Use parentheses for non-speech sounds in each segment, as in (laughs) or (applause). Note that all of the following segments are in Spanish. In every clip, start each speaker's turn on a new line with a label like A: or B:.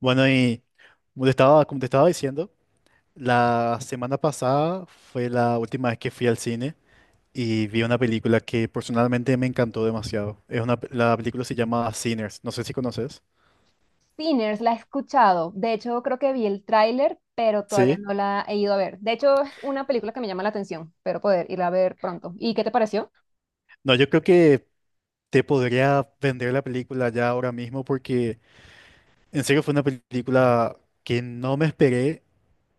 A: Bueno, y como te estaba diciendo, la semana pasada fue la última vez que fui al cine y vi una película que personalmente me encantó demasiado. Es una, la película se llama Sinners, no sé si conoces.
B: Sinners, la he escuchado. De hecho, creo que vi el tráiler, pero todavía
A: Sí.
B: no la he ido a ver. De hecho, es una película que me llama la atención, pero poder irla a ver pronto. ¿Y qué te pareció?
A: No, yo creo que te podría vender la película ya ahora mismo porque en serio fue una película que no me esperé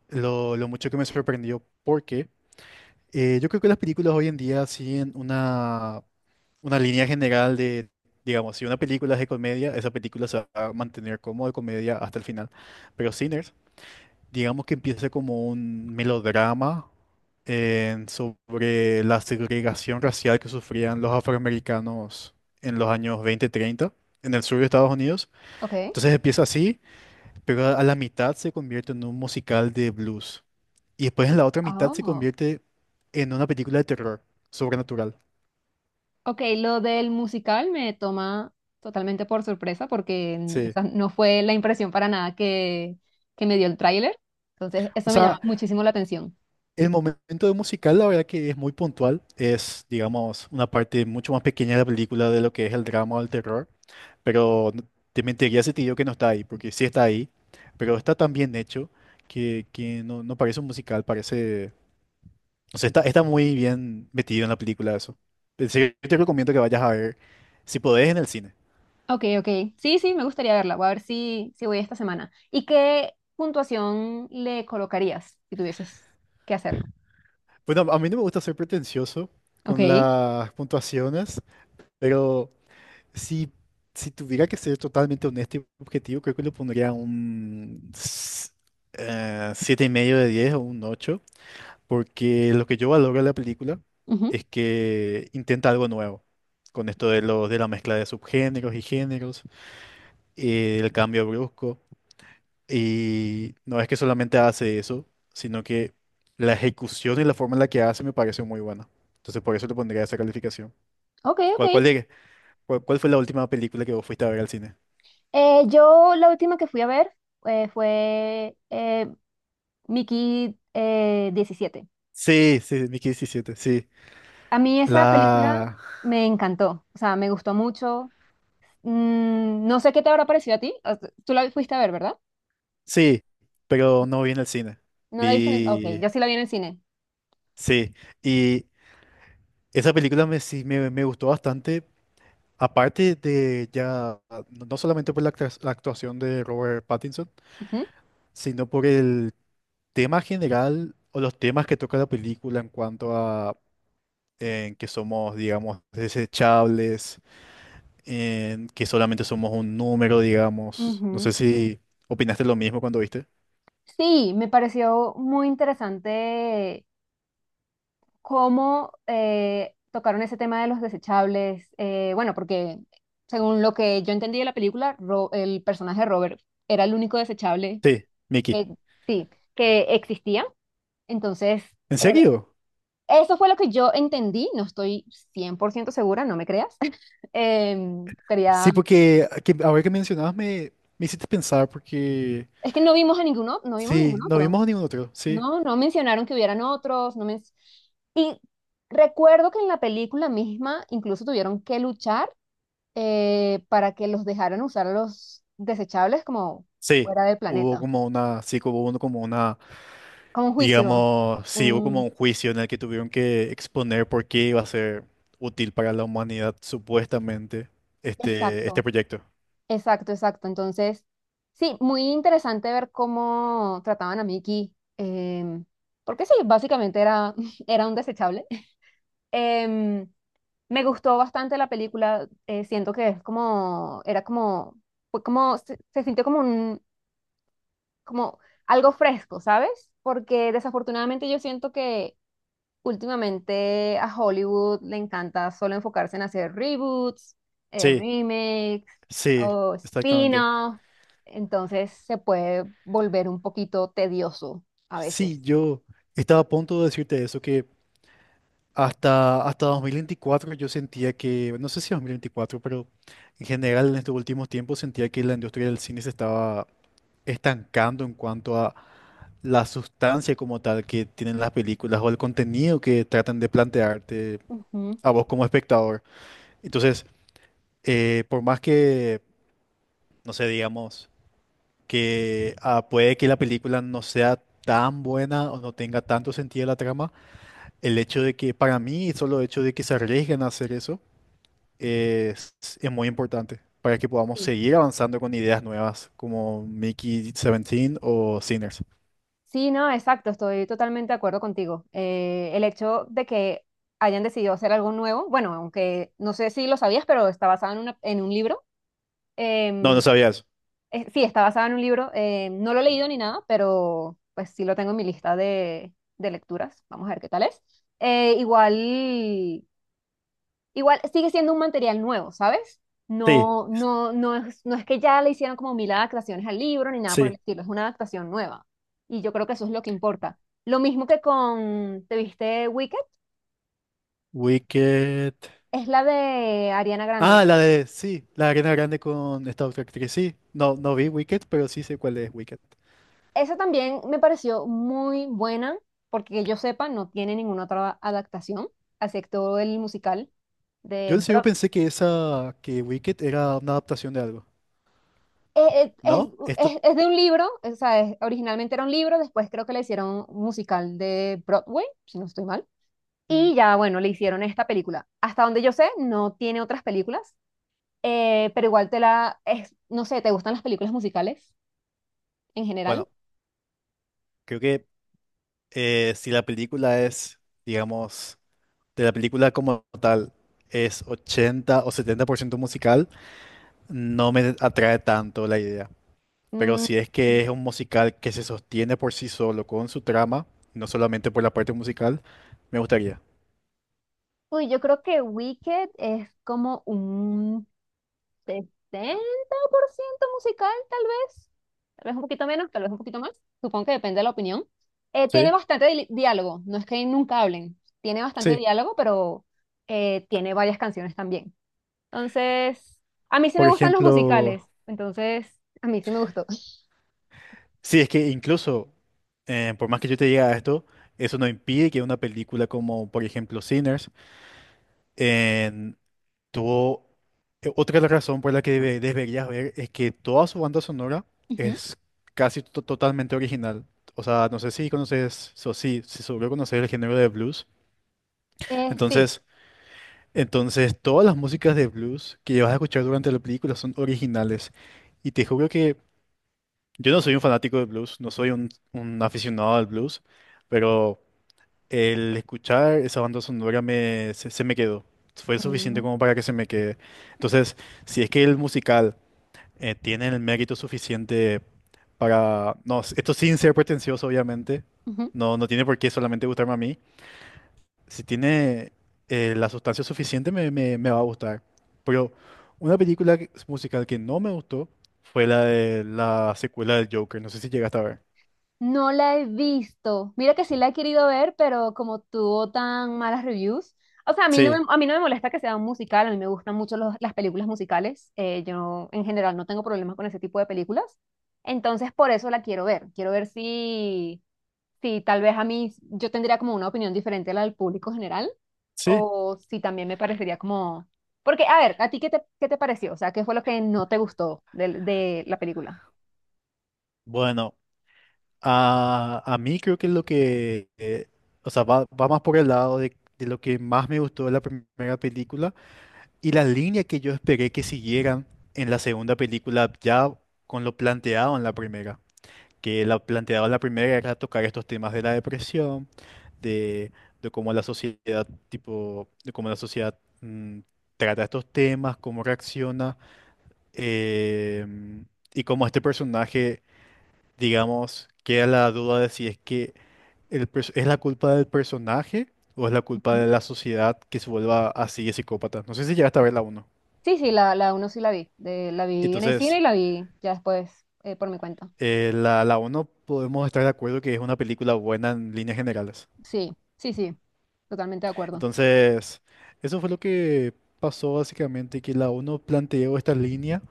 A: lo mucho que me sorprendió porque yo creo que las películas hoy en día siguen una línea general de, digamos, si una película es de comedia, esa película se va a mantener como de comedia hasta el final. Pero Sinners, digamos que empieza como un melodrama sobre la segregación racial que sufrían los afroamericanos en los años 20-30 en el sur de Estados Unidos.
B: Ok.
A: Entonces empieza así, pero a la mitad se convierte en un musical de blues. Y después en la otra mitad se
B: Oh.
A: convierte en una película de terror sobrenatural.
B: Ok, lo del musical me toma totalmente por sorpresa porque
A: Sí.
B: esa no fue la impresión para nada que me dio el tráiler. Entonces,
A: O
B: eso me llama
A: sea,
B: muchísimo la atención.
A: el momento de musical, la verdad que es muy puntual. Es, digamos, una parte mucho más pequeña de la película de lo que es el drama o el terror. Pero no- Te mentiría si te digo que no está ahí, porque sí está ahí. Pero está tan bien hecho que no parece un musical, parece... O sea, está muy bien metido en la película eso. En serio, yo te recomiendo que vayas a ver, si podés, en el cine.
B: Ok, ok. Sí, sí, me gustaría verla. Voy a ver si voy esta semana. ¿Y qué puntuación le colocarías si tuvieses que hacerlo?
A: Bueno, a mí no me gusta ser pretencioso con
B: Ok.
A: las puntuaciones, pero... Si, si tuviera que ser totalmente honesto y objetivo, creo que le pondría un 7,5 de 10 o un 8, porque lo que yo valoro de la película
B: Ujú.
A: es que intenta algo nuevo, con esto de la mezcla de subgéneros y géneros, el cambio brusco, y no es que solamente hace eso, sino que la ejecución y la forma en la que hace me parece muy buena. Entonces por eso le pondría esa calificación.
B: Ok, ok.
A: ¿Cuál, cuál, de- cuál fue la última película que vos fuiste a ver al cine?
B: Yo la última que fui a ver fue Mickey 17.
A: Sí, sí, Mickey diecisiete, sí.
B: A mí esa película
A: La...
B: me encantó, o sea, me gustó mucho. No sé qué te habrá parecido a ti. O sea, tú la fuiste a ver, ¿verdad?
A: Sí, pero no vi en el cine.
B: ¿No la viste en el...? Ok,
A: Vi...
B: yo sí la vi en el cine.
A: Sí, y esa película me gustó bastante, aparte de ya, no solamente por la actuación de Robert Pattinson,
B: Ujú.
A: sino por el tema general o los temas que toca la película en cuanto a en que somos, digamos, desechables, en que solamente somos un número, digamos. No
B: Ujú.
A: sé si opinaste lo mismo cuando viste.
B: Sí, me pareció muy interesante cómo tocaron ese tema de los desechables. Bueno, porque según lo que yo entendí de la película, el personaje de Robert era el único desechable
A: Sí, Mickey.
B: que, sí, que existía. Entonces,
A: ¿En
B: era-
A: serio?
B: eso fue lo que yo entendí. No estoy 100% segura, no me creas. (laughs) Quería...
A: Sí, porque ahora que mencionabas me hiciste pensar porque
B: Es que no vimos a ninguno, no vimos a
A: sí,
B: ningún
A: no
B: otro.
A: vimos a ningún otro, sí.
B: No, no mencionaron que hubieran otros, no men- Y recuerdo que en la película misma incluso tuvieron que luchar para que los dejaran usar los desechables como
A: Sí,
B: fuera del
A: hubo
B: planeta,
A: como una, sí, hubo uno como una,
B: como un juicio.
A: digamos, sí, hubo como
B: Un-
A: un juicio en el que tuvieron que exponer por qué iba a ser útil para la humanidad, supuestamente, este
B: exacto,
A: proyecto.
B: exacto, exacto. Entonces, sí, muy interesante ver cómo trataban a Mickey, porque sí, básicamente era, (laughs) era un desechable. Em, Me gustó bastante la película, siento que es como, era como, fue como, se sintió como algo fresco, ¿sabes? Porque desafortunadamente yo siento que últimamente a Hollywood le encanta solo enfocarse en hacer reboots,
A: Sí,
B: remakes
A: sí,
B: o
A: exactamente.
B: spin-off, entonces se puede volver un poquito tedioso a veces.
A: Sí, yo estaba a punto de decirte eso, que. Hasta 2024 yo sentía que, no sé si 2024, pero en general en estos últimos tiempos sentía que la industria del cine se estaba estancando en cuanto a la sustancia como tal que tienen las películas o el contenido que tratan de plantearte
B: Ujú.
A: a vos como espectador. Entonces, por más que, no sé, digamos, que ah, puede que la película no sea tan buena o no tenga tanto sentido la trama, el hecho de que para mí, solo el hecho de que se arriesguen a hacer eso, es muy importante para que podamos
B: Sí.
A: seguir avanzando con ideas nuevas como Mickey 17 o Sinners.
B: Sí, no, exacto, estoy totalmente de acuerdo contigo. El hecho de que hayan decidido hacer algo nuevo, bueno, aunque no sé si lo sabías, pero está basado en, en un libro.
A: No, no
B: em,
A: sabía eso.
B: sí, está basada en un libro. No lo he leído ni nada, pero pues sí lo tengo en mi lista de lecturas. Vamos a ver qué tal es. Eh, igual, igual sigue siendo un material nuevo, ¿sabes?
A: Sí,
B: No, no, no es que ya le hicieron como mil adaptaciones al libro ni nada por el
A: sí.
B: estilo, es una adaptación nueva. Y yo creo que eso es lo que importa. Lo mismo que con, ¿te viste Wicked?
A: Wicked.
B: Es la de Ariana Grande.
A: Ah, la de, sí, la Arena Grande con esta otra actriz. Sí, no, no vi Wicked, pero sí sé cuál es Wicked.
B: Esa también me pareció muy buena, porque que yo sepa, no tiene ninguna otra adaptación, excepto el musical
A: Yo
B: de
A: en serio
B: Brock.
A: pensé que esa, que Wicked era una adaptación de algo.
B: Eh, eh, Es,
A: ¿No? Esto,
B: es de un libro, o sea, originalmente era un libro, después creo que le hicieron un musical de Broadway, si no estoy mal,
A: mm,
B: y ya, bueno, le hicieron esta película. Hasta donde yo sé, no tiene otras películas, pero igual no sé, ¿te gustan las películas musicales en general?
A: bueno, creo que si la película es, digamos, de la película como tal es 80 o 70% musical, no me atrae tanto la idea. Pero
B: Mm,
A: si es que es un musical que se sostiene por sí solo con su trama, no solamente por la parte musical, me gustaría.
B: Uy, yo creo que Wicked es como un 60% musical, ¿tal vez? Tal vez un poquito menos, tal vez un poquito más. Supongo que depende de la opinión. Tiene
A: Sí,
B: bastante diálogo, no es que nunca hablen. Tiene bastante
A: sí.
B: diálogo, pero tiene varias canciones también. Entonces, a mí sí
A: Por
B: me gustan los
A: ejemplo,
B: musicales. Entonces, a mí sí me gustó.
A: sí, es que incluso, por más que yo te diga esto, eso no impide que una película como, por ejemplo, Sinners, todo, otra razón por la que deberías ver es que toda su banda sonora
B: Ujú.
A: es casi totalmente original. O sea, no sé si conoces, si seguro conocer el género de blues.
B: Sí.
A: Entonces, entonces, todas las músicas de blues que vas a escuchar durante la película son originales. Y te juro que yo no soy un fanático de blues, no soy un aficionado al blues, pero... El escuchar esa banda sonora se me quedó. Fue suficiente
B: Mm,
A: como para que se me quede. Entonces, si es que el musical tiene el mérito suficiente para... No, esto sin ser pretencioso, obviamente.
B: ujú.
A: No, no tiene por qué solamente gustarme a mí. Si tiene la sustancia suficiente, me va a gustar. Pero una musical que no me gustó fue la de la secuela del Joker. No sé si llegaste a ver.
B: No la he visto. Mira que sí la he querido ver, pero como tuvo tan malas reviews. O sea, a mí no
A: Sí,
B: me, a mí no me molesta que sea un musical, a mí me gustan mucho las películas musicales. Yo en general no tengo problemas con ese tipo de películas. Entonces, por eso la quiero ver. Quiero ver si tal vez a mí yo tendría como una opinión diferente a la del público general
A: sí.
B: o si también me parecería como... Porque, a ver, ¿a ti qué te, pareció? O sea, ¿qué fue lo que no te gustó de la película?
A: Bueno. A mí creo que lo que, o sea, va más por el lado de lo que más me gustó de la primera película y la línea que yo esperé que siguieran en la segunda película ya con lo planteado en la primera. Que lo planteado en la primera era tocar estos temas de la depresión, de, de cómo la sociedad, tipo, de cómo la sociedad trata estos temas, cómo reacciona, em, y cómo este personaje digamos, queda la duda de si es que es la culpa del personaje o es la culpa de la sociedad que se vuelva así de psicópata. No sé si llegaste a ver la uno.
B: Sí, sí, la uno sí la vi. La vi en el cine
A: Entonces,
B: y la vi ya después por mi cuenta.
A: la uno podemos estar de acuerdo que es una película buena en líneas generales.
B: Sí, sí, sí. Totalmente de acuerdo.
A: Entonces, eso fue lo que pasó básicamente, que la uno planteó esta línea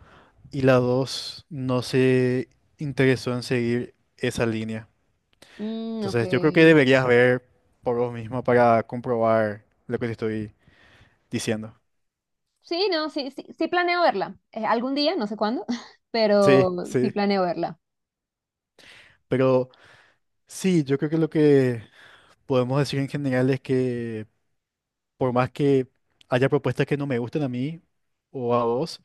A: y la 2 no se interesó en seguir esa línea.
B: Mm, ok.
A: Entonces, yo creo que deberías ver por vos misma para comprobar lo que te estoy diciendo.
B: Sí, no, sí, sí, sí planeo verla. Algún día, no sé cuándo, (laughs)
A: Sí,
B: pero sí
A: sí.
B: planeo verla.
A: Pero sí, yo creo que lo que podemos decir en general es que por más que haya propuestas que no me gusten a mí o a vos,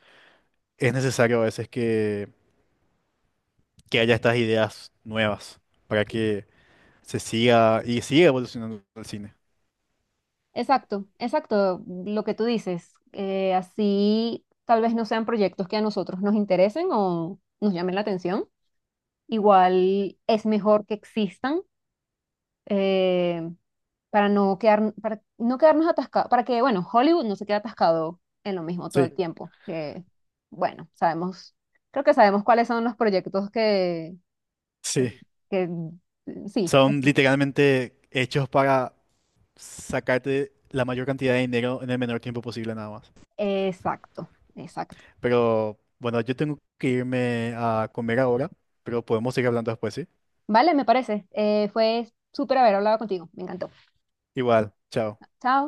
A: es necesario a veces que haya estas ideas nuevas para que se siga y siga evolucionando el cine.
B: Exacto, exacto, lo que tú dices. Así tal vez no sean proyectos que a nosotros nos interesen o nos llamen la atención. Igual es mejor que existan. eh, para no quedar, para no quedarnos atascados, para que, bueno, Hollywood no se quede atascado en lo mismo todo el
A: Sí,
B: tiempo, que, bueno, sabemos, creo que sabemos cuáles son los proyectos que,
A: sí.
B: sí,
A: Son literalmente hechos para sacarte la mayor cantidad de dinero en el menor tiempo posible nada más.
B: exacto, exacto.
A: Pero bueno, yo tengo que irme a comer ahora, pero podemos seguir hablando después, ¿sí?
B: Vale, me parece. Fue súper haber hablado contigo, me encantó.
A: Igual, chao.
B: Chao.